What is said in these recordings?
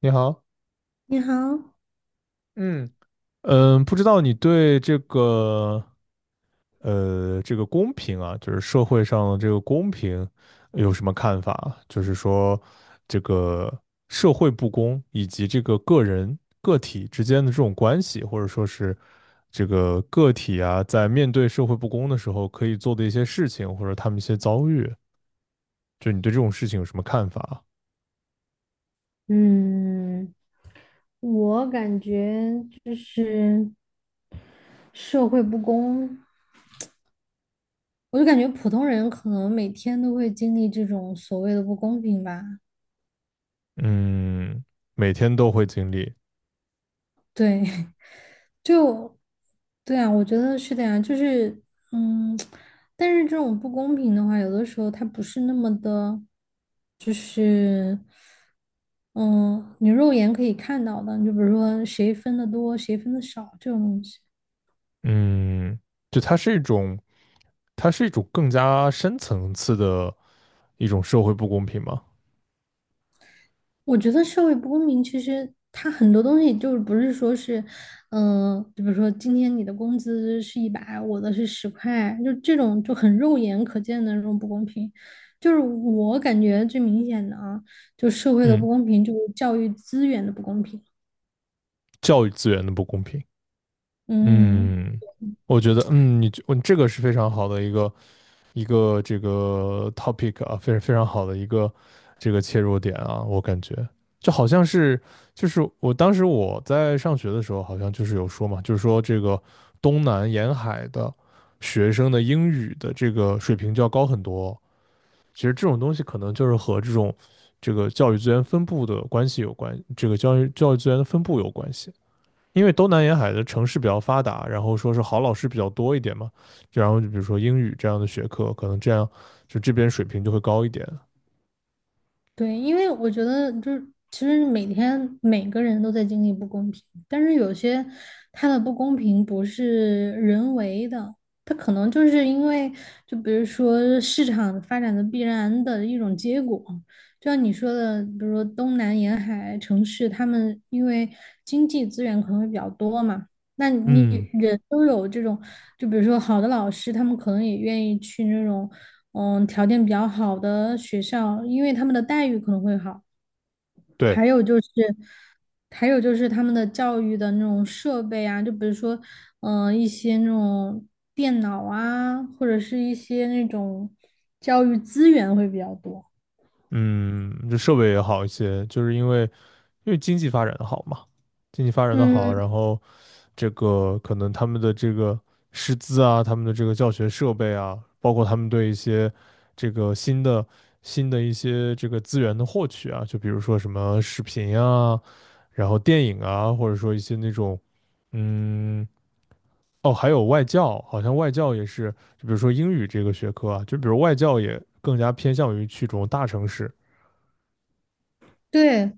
你好，你好，嗯，不知道你对这个公平啊，就是社会上的这个公平有什么看法啊？就是说这个社会不公以及这个个人个体之间的这种关系，或者说是这个个体啊，在面对社会不公的时候可以做的一些事情，或者他们一些遭遇，就你对这种事情有什么看法啊？嗯，我感觉就是社会不公，我就感觉普通人可能每天都会经历这种所谓的不公平吧。嗯，每天都会经历。对，就对啊，我觉得是的呀，就是嗯，但是这种不公平的话，有的时候它不是那么的，就是嗯，你肉眼可以看到的，你就比如说谁分的多，谁分的少这种东西。嗯，就它是一种更加深层次的一种社会不公平嘛。我觉得社会不公平，其实它很多东西就是不是说是，就比如说今天你的工资是100，我的是10块，就这种就很肉眼可见的那种不公平。就是我感觉最明显的啊，就社会的不嗯，公平，就是教育资源的不公平。教育资源的不公平。嗯。嗯，我觉得，你这个是非常好的一个这个 topic 啊，非常非常好的一个这个切入点啊，我感觉就好像是就是我当时在上学的时候，好像就是有说嘛，就是说这个东南沿海的学生的英语的这个水平就要高很多。其实这种东西可能就是和这个教育资源分布的关系有关，这个教育资源的分布有关系。因为东南沿海的城市比较发达，然后说是好老师比较多一点嘛，然后就比如说英语这样的学科，可能这样就这边水平就会高一点。对，因为我觉得就是，其实每天每个人都在经历不公平，但是有些它的不公平不是人为的，它可能就是因为，就比如说市场发展的必然的一种结果，就像你说的，比如说东南沿海城市，他们因为经济资源可能会比较多嘛，那你嗯，人都有这种，就比如说好的老师，他们可能也愿意去那种。条件比较好的学校，因为他们的待遇可能会好。对，还有就是，他们的教育的那种设备啊，就比如说，一些那种电脑啊，或者是一些那种教育资源会比较多。嗯，这设备也好一些，就是因为经济发展的好嘛，经济发展的好，嗯，然后这个可能他们的这个师资啊，他们的这个教学设备啊，包括他们对一些这个新的一些这个资源的获取啊，就比如说什么视频啊，然后电影啊，或者说一些那种，嗯，哦，还有外教，好像外教也是，就比如说英语这个学科啊，就比如外教也更加偏向于去这种大城市。对，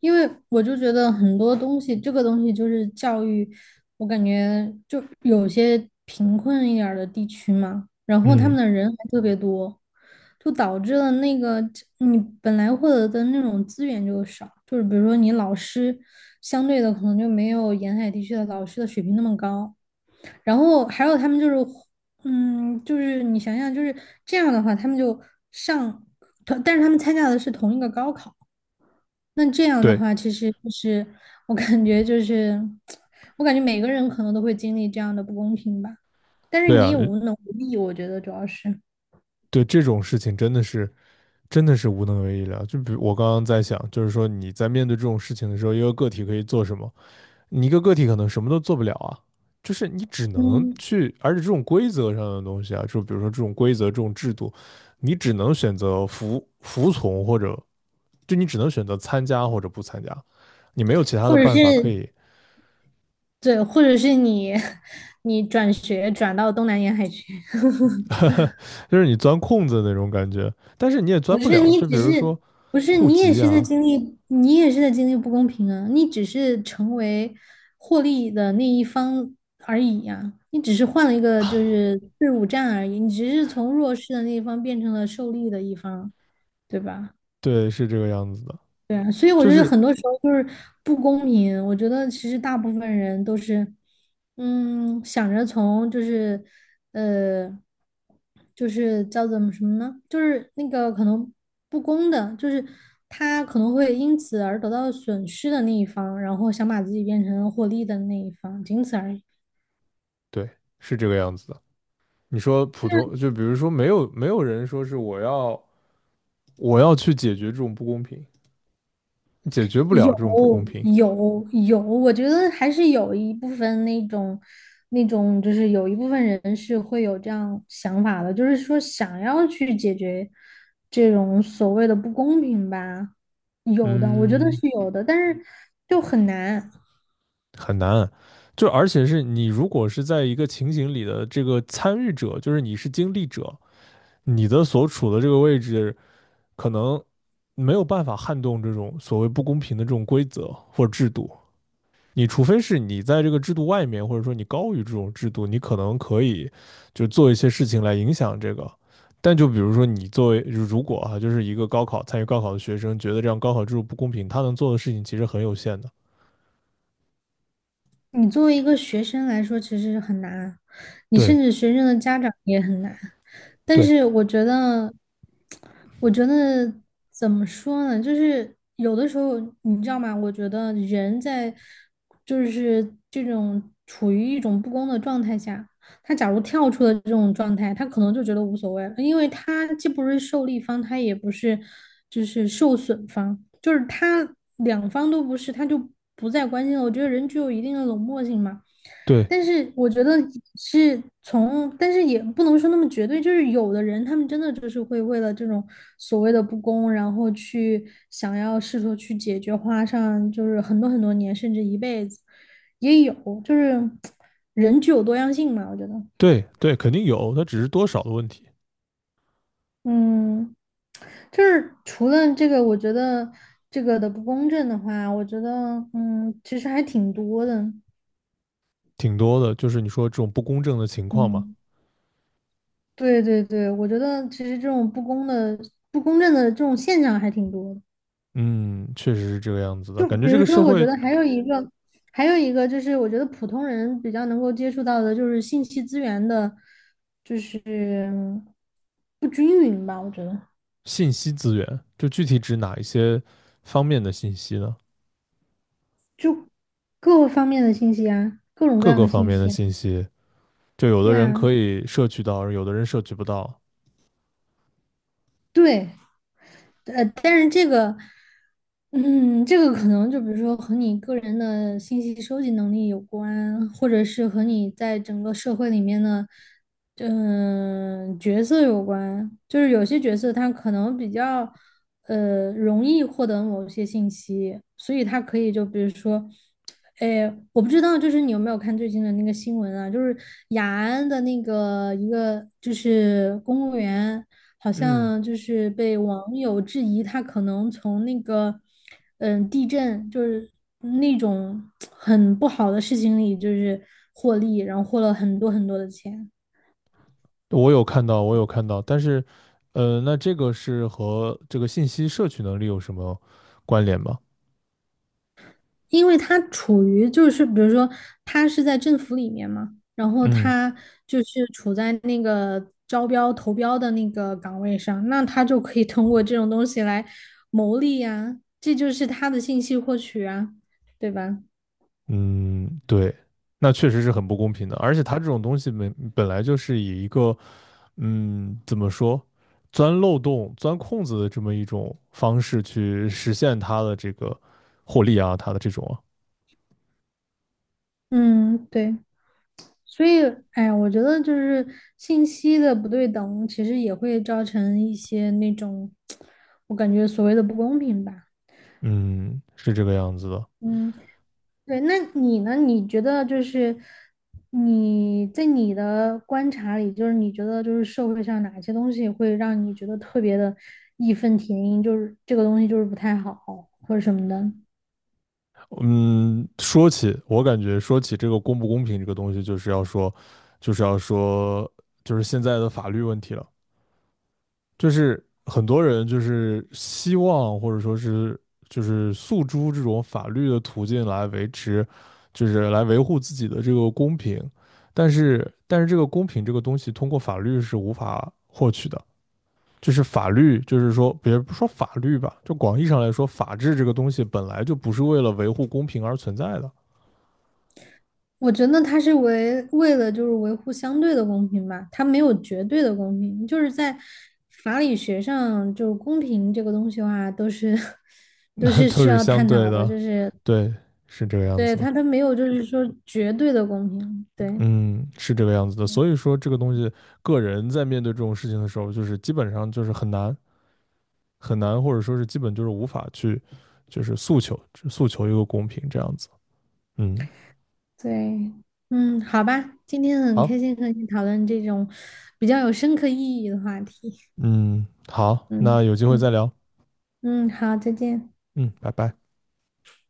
因为我就觉得很多东西，这个东西就是教育，我感觉就有些贫困一点儿的地区嘛，然后他们嗯，的人还特别多，就导致了那个你本来获得的那种资源就少，就是比如说你老师相对的可能就没有沿海地区的老师的水平那么高，然后还有他们就是，就是你想想就是这样的话，他们就上，但是他们参加的是同一个高考。那这样的对，话，其实就是我感觉就是，我感觉每个人可能都会经历这样的不公平吧。但是对你啊，也无能为力，我觉得主要是，对这种事情真的是。真的是无能为力了。就比如我刚刚在想，就是说你在面对这种事情的时候，一个个体可以做什么？你一个个体可能什么都做不了啊，就是你只能嗯，去，而且这种规则上的东西啊，就比如说这种规则、这种制度，你只能选择服从，或者就你只能选择参加或者不参加，你没有其他或的者办法可是以，对，或者是你 你转学转到东南沿海去，就是你钻空子那种感觉，但是你也不钻不是了。你就比只如说是不是户你也籍是在啊，经历，你也是在经历不公平啊！你只是成为获利的那一方而已呀、你只是换了一个就是队伍战而已，你只是从弱势的那一方变成了受力的一方，对吧？对，是这个样子的，对啊，所以我就觉得是很多时候就是不公平。我觉得其实大部分人都是，想着从就是，呃，就是叫怎么什么呢？就是那个可能不公的，就是他可能会因此而得到损失的那一方，然后想把自己变成获利的那一方，仅此而已。对，是这个样子的。你说普通，就比如说没有人说是我要去解决这种不公平，解决不了有这种不公平，有有，我觉得还是有一部分那种，就是有一部分人是会有这样想法的，就是说想要去解决这种所谓的不公平吧，有的，我觉得嗯，是有的，但是就很难。很难。就而且是你如果是在一个情景里的这个参与者，就是你是经历者，你的所处的这个位置可能没有办法撼动这种所谓不公平的这种规则或制度，你除非是你在这个制度外面，或者说你高于这种制度，你可能可以就做一些事情来影响这个。但就比如说你作为如果啊，就是一个高考参与高考的学生，觉得这样高考制度不公平，他能做的事情其实很有限的。你作为一个学生来说，其实很难啊。你甚对至学生的家长也很难。但对是我觉得，我觉得怎么说呢？就是有的时候，你知道吗？我觉得人在就是这种处于一种不公的状态下，他假如跳出了这种状态，他可能就觉得无所谓了，因为他既不是受力方，他也不是就是受损方，就是他两方都不是，他就不再关心了。我觉得人具有一定的冷漠性嘛，对但是我觉得是从，但是也不能说那么绝对，就是有的人他们真的就是会为了这种所谓的不公，然后去想要试图去解决，花上就是很多很多年，甚至一辈子，也有，就是人具有多样性嘛，我觉得。对对，肯定有，他只是多少的问题，嗯，就是除了这个，我觉得这个的不公正的话，我觉得其实还挺多的。挺多的。就是你说这种不公正的情况嘛，嗯，对对对，我觉得其实这种不公的、不公正的这种现象还挺多的。嗯，确实是这个样子的。就感觉比这如个说，社我觉会得还有一个，还有一个就是，我觉得普通人比较能够接触到的，就是信息资源的，就是不均匀吧。我觉得，信息资源，就具体指哪一些方面的信息呢？就各方面的信息啊，各种各各样个的方信面的息啊信息。就有对的人呀，可以摄取到，有的人摄取不到。对。但是这个，这个可能就比如说和你个人的信息收集能力有关，或者是和你在整个社会里面的，角色有关。就是有些角色他可能比较，容易获得某些信息，所以他可以就比如说，哎，我不知道，就是你有没有看最近的那个新闻啊？就是雅安的那个一个就是公务员。好嗯像就是被网友质疑，他可能从那个，地震就是那种很不好的事情里，就是获利，然后获了很多很多的钱，我有看到，我有看到，但是，那这个是和这个信息摄取能力有什么关联吗？因为他处于就是比如说他是在政府里面嘛，然后嗯他就是处在那个招标投标的那个岗位上，那他就可以通过这种东西来牟利呀，这就是他的信息获取啊，对吧？嗯，对，那确实是很不公平的。而且它这种东西本来就是以一个，怎么说，钻漏洞、钻空子的这么一种方式去实现它的这个获利啊，它的这种啊，嗯，对。所以，哎呀，我觉得就是信息的不对等，其实也会造成一些那种，我感觉所谓的不公平吧。嗯，是这个样子的。嗯，对，那你呢？你觉得就是你在你的观察里，就是你觉得就是社会上哪些东西会让你觉得特别的义愤填膺，就是这个东西就是不太好或者什么的？嗯，我感觉说起这个公不公平这个东西，就是要说，就是现在的法律问题了。就是很多人就是希望或者说是就是诉诸这种法律的途径来维持，就是来维护自己的这个公平。但是这个公平这个东西通过法律是无法获取的。就是法律，就是说，别不说法律吧，就广义上来说，法治这个东西本来就不是为了维护公平而存在的。我觉得他是为了就是维护相对的公平吧，他没有绝对的公平，就是在法理学上，就公平这个东西的话，都是 都 是都需是要相探对讨的，的，就是对，是这个样对子的，他没有就是说绝对的公平，对嗯，是这个样子的。所以说，这个东西，个人在面对这种事情的时候，就是基本上就是很难很难，或者说是基本就是无法去，就是诉求一个公平这样子。嗯，对，嗯，好吧，今天很开好，心和你讨论这种比较有深刻意义的话题，嗯，好，嗯那有机会再嗯聊，嗯，好，再见。嗯，拜拜。